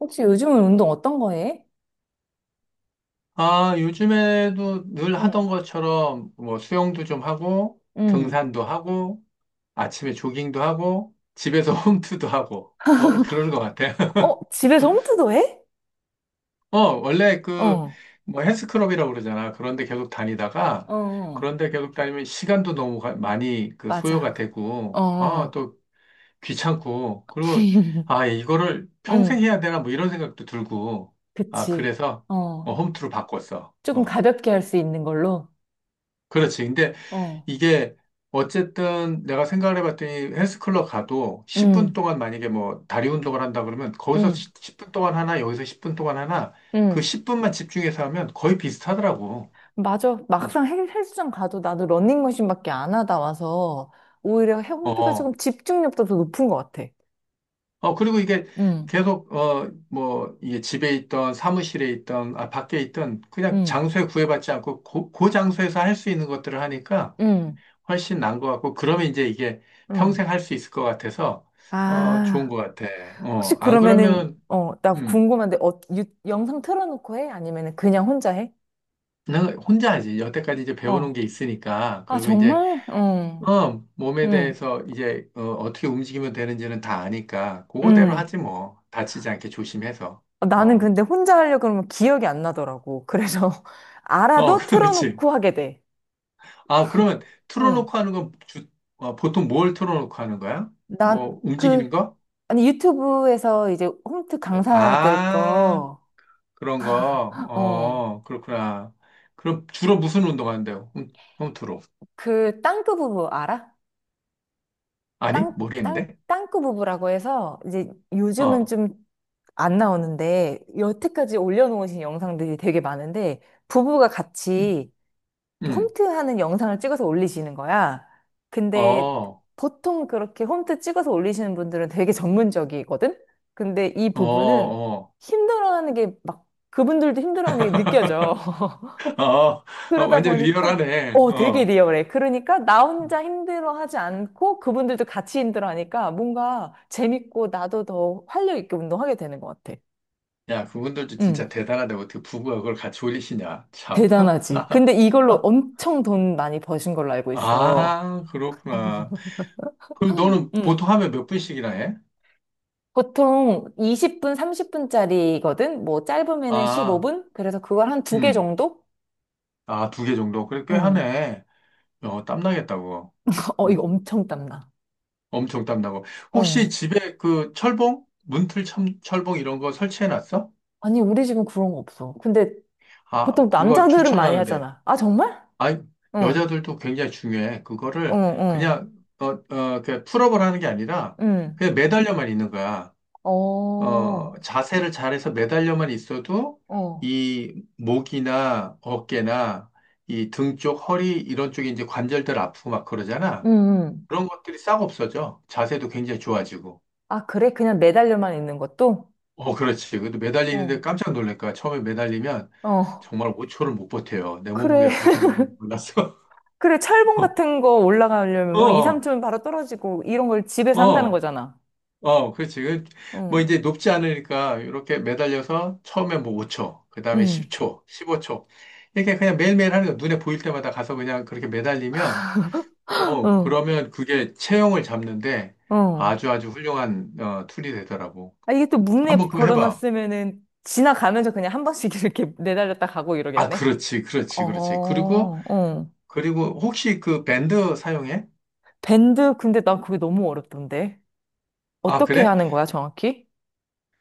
혹시 요즘은 운동 어떤 거 해? 아, 요즘에도 늘 하던 응, 것처럼 뭐 수영도 좀 하고, 응. 등산도 하고, 아침에 조깅도 하고, 집에서 홈트도 하고, 뭐 그러는 것 같아요. 어, 집에서 홈트도 해? 어, 원래 그 어, 뭐 헬스클럽이라고 그러잖아. 그런데 계속 다니다가, 어, 그런데 계속 다니면 시간도 너무 많이 그 소요가 맞아. 되고, 아, 어, 또 귀찮고, 그리고 아, 이거를 평생 응, 해야 되나 뭐 이런 생각도 들고, 아, 그치. 그래서 어, 어. 홈트로 바꿨어. 조금 어, 가볍게 할 수 있는 걸로? 그렇지. 근데 어. 이게 어쨌든 내가 생각을 해봤더니 헬스클럽 가도 10분 응, 동안 만약에 뭐 다리 운동을 한다 그러면 거기서 응, 10분 동안 하나, 여기서 10분 동안 하나, 그 응. 10분만 집중해서 하면 거의 비슷하더라고. 맞아. 응. 막상 헬스장 가도 나도 러닝머신밖에 안 하다 와서 오히려 홈트가 조금 어, 집중력도 더 높은 것 같아. 어, 그리고 이게 응, 계속, 어, 뭐, 이게 집에 있던 사무실에 있던, 아, 밖에 있던 그냥 응, 장소에 구애받지 않고 그 장소에서 할 수 있는 것들을 하니까 응, 훨씬 나은 것 같고, 그러면 이제 이게 응. 평생 할 수 있을 것 같아서, 어, 좋은 아. 것 같아. 혹시 어, 안 그러면은, 그러면 나 음. 궁금한데, 영상 틀어놓고 해? 아니면은 그냥 혼자 해? 나는 혼자 하지. 여태까지 이제 배워놓은 어. 게 있으니까. 아, 그리고 이제, 정말? 어. 어, 몸에 응, 대해서 이제, 어, 어떻게 움직이면 되는지는 다 아니까. 그거대로 응. 하지 뭐. 다치지 않게 조심해서. 어, 나는 어, 근데 혼자 하려고 그러면 기억이 안 나더라고. 그래서 어, 알아도 그렇지. 틀어놓고 하게 돼. 아, 그러면 응. 틀어놓고 하는 건 어, 보통 뭘 틀어놓고 하는 거야? 나, 뭐, 그, 움직이는 거? 아니, 유튜브에서 이제 홈트 뭐, 강사들 아, 거, 그런 거. 어, 어, 그렇구나. 그럼 주로 무슨 운동하는데요? 홈트로. 그 땅끄 부부 알아? 아니? 모르겠는데? 땅끄 부부라고 해서 이제 요즘은 어, 좀 안 나오는데 여태까지 올려놓으신 영상들이 되게 많은데 부부가 음, 같이 음. 홈트하는 영상을 찍어서 올리시는 거야. 근데 어. 보통 그렇게 홈트 찍어서 올리시는 분들은 되게 전문적이거든? 근데 이 어, 부부는 어, 힘들어하는 게 막 그분들도 힘들어하는 게 느껴져. 어, 어, 그러다 완전 보니까 리얼하네. 어 되게 어. 리얼해. 그러니까 나 혼자 힘들어하지 않고 그분들도 같이 힘들어하니까 뭔가 재밌고 나도 더 활력 있게 운동하게 되는 것 같아. 야, 그분들도 응. 진짜 대단하다. 어떻게 부부가 그걸 같이 올리시냐. 참. 대단하지. 근데 이걸로 엄청 돈 많이 버신 걸로 알고 있어. 아, 그렇구나. 그럼 너는 응. 보통 하면 몇 분씩이나 해? 보통 20분, 30분짜리거든? 뭐 짧으면은 아, 15분? 그래서 그걸 한 두 개 음. 정도? 아, 두 개 정도? 그래, 꽤 응. 하네. 어, 땀나겠다고. 어, 이거 음, 엄청 땀나. 엄청 땀나고. 혹시 어. 집에 그 철봉? 문틀 철봉 이런 거 설치해 놨어? 아니, 우리 집은 그런 거 없어. 근데 아, 보통 그거 남자들은 많이 추천하는데. 하잖아. 아, 정말? 아, 응. 여자들도 굉장히 중요해. 그거를 응, 그냥 어, 어, 그 풀업을 하는 게 아니라 응. 응. 그냥 매달려만 있는 거야. 어, 어, 어. 자세를 잘해서 매달려만 있어도 이 목이나 어깨나 이 등 쪽, 허리 이런 쪽에 이제 관절들 아프고 막 응, 그러잖아. 응. 그런 것들이 싹 없어져. 자세도 굉장히 좋아지고. 아, 그래? 그냥 매달려만 있는 것도? 어, 그렇지. 그래도 어. 매달리는데 깜짝 놀랄 거야. 처음에 매달리면 어. 정말 5초를 못 버텨요. 내 그래. 몸무게가 그렇게 무거운 줄 몰랐어. 그래, 철봉 같은 거 올라가려면 막 2, 어, 3층은 바로 떨어지고 이런 걸 집에서 한다는 어. 거잖아. 어, 그렇지. 그, 뭐 응, 이제 높지 않으니까 이렇게 매달려서 처음에 뭐 5초, 그 다음에 응, 10초, 15초. 이렇게 그냥 매일매일 하는 거 눈에 보일 때마다 가서 그냥 그렇게 매달리면, 어, 어, 그러면 그게 체형을 잡는데 어. 아주 아주 훌륭한 어, 툴이 되더라고. 아, 이게 또 문에 한번 그거 해봐. 걸어놨으면은 지나가면서 그냥 한 번씩 이렇게 내달렸다 가고 아, 이러겠네. 그렇지, 어, 그렇지, 그렇지. 그리고, 어. 그리고 혹시 그 밴드 사용해? 밴드, 근데 난 그게 너무 어렵던데. 아, 어떻게 그래? 하는 거야, 정확히?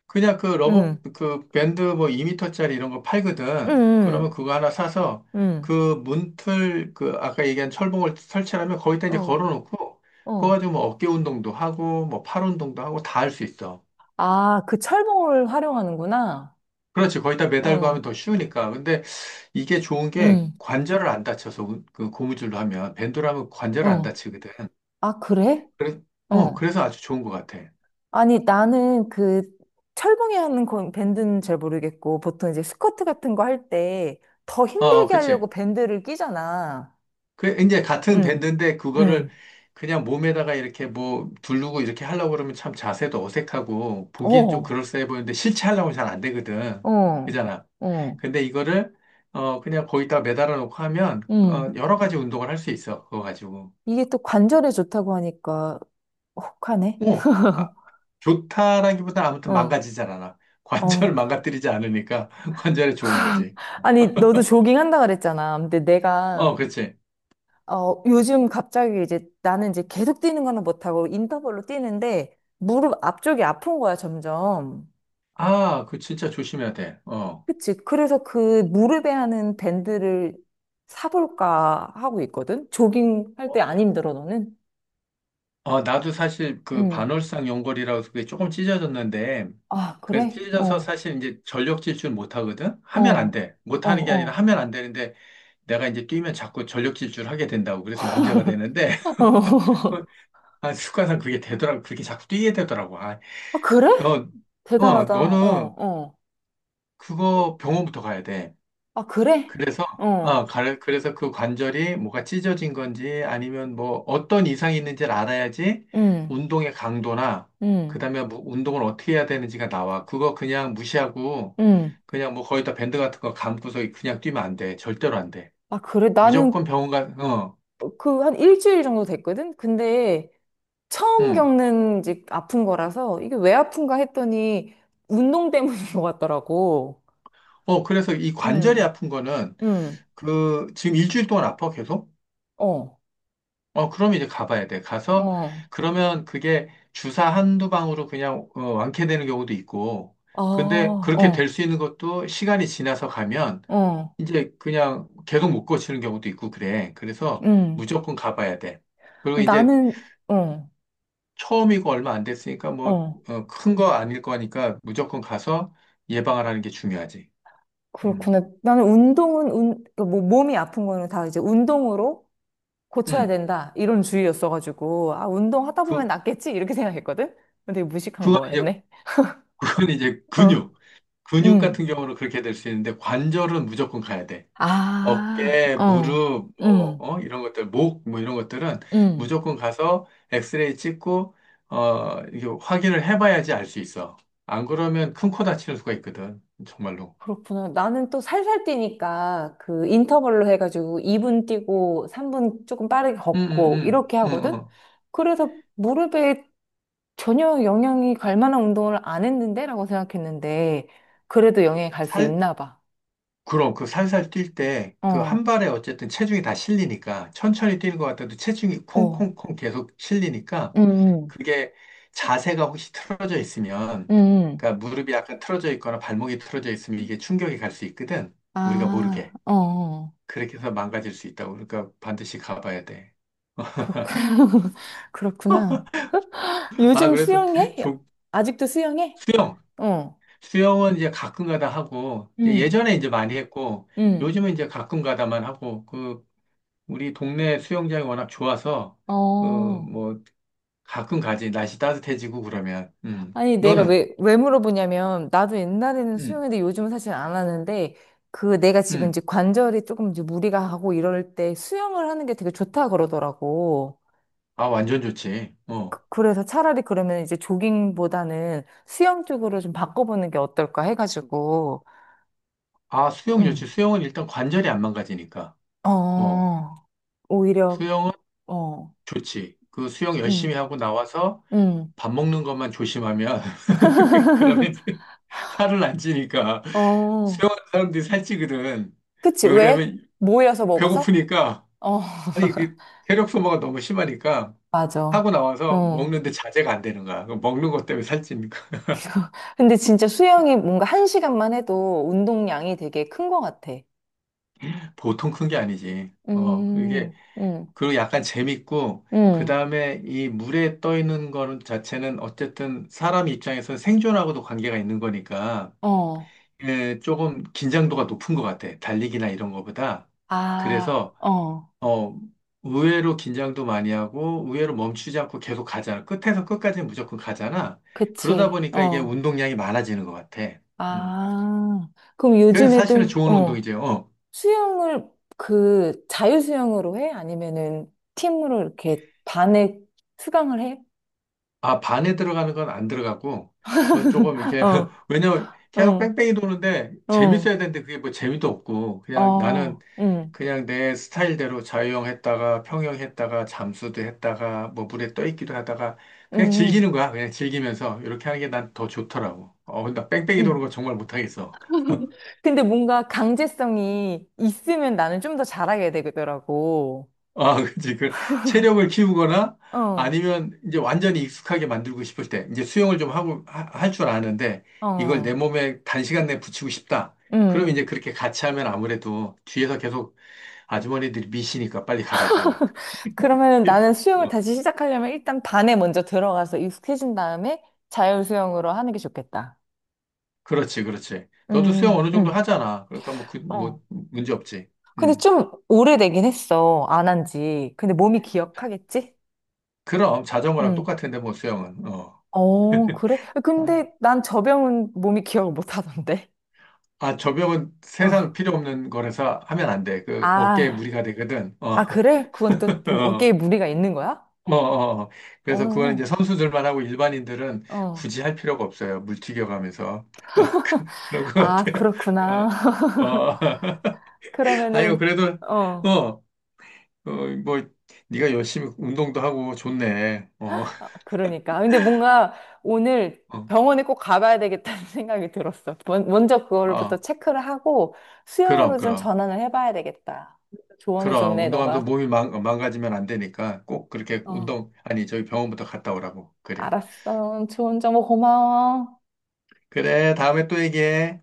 그냥 그 러버, 응, 그 밴드 뭐 2미터짜리 이런 거 팔거든. 그러면 응, 그거 하나 사서 응, 그 문틀, 그 아까 얘기한 철봉을 설치하면 거기다 응. 이제 어, 걸어놓고 그거 어. 가지고 뭐 어깨 운동도 하고 뭐 팔 운동도 하고 다 할 수 있어. 아, 그 철봉을 활용하는구나. 그렇지. 거기다 매달고 어, 하면 더 쉬우니까. 근데 이게 좋은 게 응, 관절을 안 다쳐서 그 고무줄로 하면 밴드로 하면 관절을 안 어. 다치거든. 아, 그래? 그래, 뭐 어. 그래서 아주 좋은 것 같아. 아니, 나는 그 철봉이 하는 건 밴드는 잘 모르겠고, 보통 이제 스쿼트 같은 거 할 때 더 어, 어, 힘들게 하려고 그치. 밴드를 끼잖아. 그 이제 같은 응, 밴드인데 그거를 응, 그냥 몸에다가 이렇게 뭐 두르고 이렇게 하려고 그러면 참 자세도 어색하고 보기엔 좀 어, 그럴싸해 보이는데 실제 하려면 잘 안 되거든. 어, 그잖아. 어, 근데 이거를 어 그냥 거기다 매달아 놓고 하면 어 응. 여러 가지 운동을 할 수 있어. 그거 가지고. 이게 또 관절에 좋다고 하니까 혹하네. 오, 아, 좋다라기보다 아무튼 어, 망가지질 않아. 관절 어. 망가뜨리지 않으니까 관절에 좋은 거지. 아니, 너도 조깅 한다 그랬잖아. 근데 어, 내가, 그렇지. 요즘 갑자기 이제 나는 이제 계속 뛰는 거는 못하고 인터벌로 뛰는데 무릎 앞쪽이 아픈 거야, 점점. 아, 그 진짜 조심해야 돼. 어. 그치. 그래서 그 무릎에 하는 밴드를 사볼까 하고 있거든? 조깅 할 때 안 힘들어, 너는? 어, 나도 사실 그 응. 반월상 연골이라고 해서 그게 조금 찢어졌는데, 아, 그래서 그래? 찢어져서 어, 사실 이제 전력 질주를 못 하거든? 하면 안 어, 돼. 못 어, 하는 게 아니라 어. 하면 안 되는데, 내가 이제 뛰면 자꾸 전력 질주를 하게 된다고. 그래서 문제가 되는데, 어. 아, 습관상 그게 되더라고. 그렇게 자꾸 뛰게 되더라고. 아, 아, 그래? 어, 어, 대단하다. 어, 너는 어. 그거 병원부터 가야 돼. 아, 그래? 그래서, 어. 어, 그래서 그 관절이 뭐가 찢어진 건지 아니면 뭐 어떤 이상이 있는지를 알아야지 응, 운동의 강도나 응, 그다음에 뭐 운동을 어떻게 해야 되는지가 나와. 그거 그냥 무시하고 응. 그냥 뭐 거의 다 밴드 같은 거 감고서 그냥 뛰면 안 돼. 절대로 안 돼. 아, 그래? 무조건 나는 병원 가, 어, 그 한 일주일 정도 됐거든? 근데 처음 응. 겪는 이제 아픈 거라서 이게 왜 아픈가 했더니 운동 때문인 것 같더라고. 어, 그래서 이 관절이 응. 아픈 거는 응. 그 지금 일주일 동안 아파 계속? 어, 어, 그럼 이제 가봐야 돼. 가서, 어, 그러면 그게 주사 한두 방으로 그냥 어, 완쾌되는 경우도 있고, 아, 근데 그렇게 될 어, 수 있는 것도 시간이 지나서 가면 어, 이제 그냥 계속 못 고치는 경우도 있고 그래. 그래서 음. 무조건 가봐야 돼. 그리고 이제 나는, 어, 처음이고 얼마 안 됐으니까 뭐, 어, 어, 큰 거 아닐 거니까 무조건 가서 예방을 하는 게 중요하지. 음, 그렇구나. 나는 운동은, 그뭐 몸이 아픈 거는 다 이제 운동으로 고쳐야 음. 된다. 이런 주의였어가지고, 아, 운동하다 보면 그, 낫겠지? 이렇게 생각했거든? 근데 무식한 그건 이제, 거였네. 그건 이제 어, 근육. 근육 같은 음. 경우는 그렇게 될 수 있는데 관절은 무조건 가야 돼. 아, 어깨, 어, 무릎, 뭐, 음, 어? 이런 것들, 목, 뭐 이런 것들은 음. 무조건 가서 엑스레이 찍고, 어, 이게 확인을 해봐야지 알 수 있어. 안 그러면 큰 코 다치는 수가 있거든. 정말로. 그렇구나. 나는 또 살살 뛰니까 그 인터벌로 해가지고 2분 뛰고 3분 조금 빠르게 응, 응, 걷고 응, 이렇게 응, 하거든? 응. 그래서 무릎에 전혀 영향이 갈 만한 운동을 안 했는데? 라고 생각했는데, 그래도 영향이 갈 수 있나 봐. 그럼 그 살살 뛸 때 그 한 어, 발에 어쨌든 체중이 다 실리니까 천천히 뛰는 것 같아도 체중이 어, 콩콩콩 계속 실리니까 음, 그게 자세가 혹시 틀어져 음, 있으면 음. 그러니까 무릎이 약간 틀어져 있거나 발목이 틀어져 있으면 이게 충격이 갈 수 있거든. 우리가 아, 모르게. 어, 어. 그렇게 해서 망가질 수 있다고. 그러니까 반드시 가봐야 돼. 그렇구나. 그렇구나. 아, 요즘 그래도 수영해? 조, 아직도 수영해? 수영. 어, 수영은 이제 가끔 가다 하고 음, 예전에 이제 많이 했고 음, 요즘은 이제 가끔 가다만 하고 그 우리 동네 수영장이 워낙 좋아서, 어, 어. 뭐, 가끔 가지. 날씨 따뜻해지고 그러면. 음. 아니, 내가 너는? 왜 물어보냐면, 나도 옛날에는 음, 수영했는데 요즘은 사실 안 하는데, 그 내가 지금 음. 이제 관절이 조금 이제 무리가 하고 이럴 때 수영을 하는 게 되게 좋다 그러더라고. 아, 완전 좋지. 어. 그래서 차라리 그러면 이제 조깅보다는 수영 쪽으로 좀 바꿔보는 게 어떨까 해가지고, 아, 수영 응, 좋지. 수영은 일단 관절이 안 망가지니까. 어. 어, 오히려, 수영은 어, 좋지. 그 수영 열심히 응, 하고 나와서 응, 밥 먹는 것만 조심하면, 그러면 살을 안 찌니까. 어, 수영하는 사람들이 살찌거든. 그치, 왜 왜? 그러면 모여서 먹어서? 배고프니까, 어, 아니, 그, 체력 소모가 너무 심하니까, 맞아. 하고 나와서 어. 먹는데 자제가 안 되는 거야. 그 먹는 것 때문에 살찌는 거 근데 진짜 수영이 뭔가 한 시간만 해도 운동량이 되게 큰 것 같아. 보통 큰 게 아니지. 어, 음, 그게, 음, 그리고 약간 재밌고, 그 음, 다음에 이 물에 떠 있는 거는 자체는 어쨌든 사람 입장에서 생존하고도 관계가 있는 거니까, 어, 예, 조금 긴장도가 높은 것 같아. 달리기나 이런 거보다. 아, 그래서, 어, 어, 의외로 긴장도 많이 하고, 의외로 멈추지 않고 계속 가잖아. 끝에서 끝까지 무조건 가잖아. 그러다 그치, 보니까 이게 어, 운동량이 많아지는 것 같아. 음. 아, 그럼 그래서 사실은 요즘에도, 좋은 어, 운동이죠. 어. 수영을 그 자유수영으로 해? 아니면은 팀으로 이렇게 반에 수강을 해? 아, 반에 들어가는 건 안 들어가고, 그거 조금 이렇게, 어, 왜냐면 계속 어, 뺑뺑이 도는데 어, 재밌어야 되는데 그게 뭐 재미도 없고, 그냥 나는 어, 그냥 내 스타일대로 자유형 했다가 평형 했다가 잠수도 했다가 뭐 물에 떠 있기도 하다가 그냥 음, 즐기는 거야. 그냥 즐기면서 이렇게 하는 게 난 더 좋더라고. 어, 나 뺑뺑이 도는 음. 거 정말 못하겠어. 근데 뭔가 강제성이 있으면 나는 좀 더 잘하게 되더라고. 아, 그치. 그 체력을 키우거나 어, 아니면 이제 완전히 익숙하게 만들고 싶을 때 이제 수영을 좀 하고 할 줄 아는데 이걸 내 어, 몸에 단시간 내에 붙이고 싶다. 그럼 이제 음. 그렇게 같이 하면 아무래도 뒤에서 계속 아주머니들이 미시니까 빨리 가라고. 그러면 나는 수영을 어, 다시 시작하려면 일단 반에 먼저 들어가서 익숙해진 다음에 자율 수영으로 하는 게 좋겠다. 그렇지, 그렇지. 너도 음, 수영 어느 정도 음, 하잖아. 그러니까 뭐 그, 어. 뭐 문제 없지. 근데 음. 좀 오래되긴 했어. 안 한 지. 근데 몸이 기억하겠지? 그럼 자전거랑 음. 똑같은데 뭐 수영은. 어. 어, 그래? 아이. 근데 난 저병은 몸이 기억을 못 하던데. 아, 저병은 어. 세상 필요 없는 거라서 하면 안 돼. 그 어깨에 아, 무리가 되거든. 어. 아, 그래? 그건 또 어, 어깨에 어, 무리가 있는 거야? 어, 어. 그래서 그거는 이제 어, 선수들만 하고 일반인들은 어. 굳이 할 필요가 없어요. 물 튀겨가면서. 어, 그런 것 아, 같아요. 그렇구나. 어, 어. 아이고, 그러면은, 그래도, 어, 어, 어, 뭐, 네가 열심히 운동도 하고 좋네. 어, 그러니까. 근데 뭔가 오늘 어, 병원에 꼭 가봐야 되겠다는 생각이 들었어. 먼저 그걸부터 어. 체크를 하고 그럼, 수영으로 좀 그럼. 전환을 해봐야 되겠다. 그럼, 조언해줬네, 운동하면서 너가. 몸이 어, 망가지면 안 되니까 꼭 그렇게 어, 운동, 아니, 저기 병원부터 갔다 오라고. 그래. 알았어. 좋은 정보 고마워. 그래, 다음에 또 얘기해.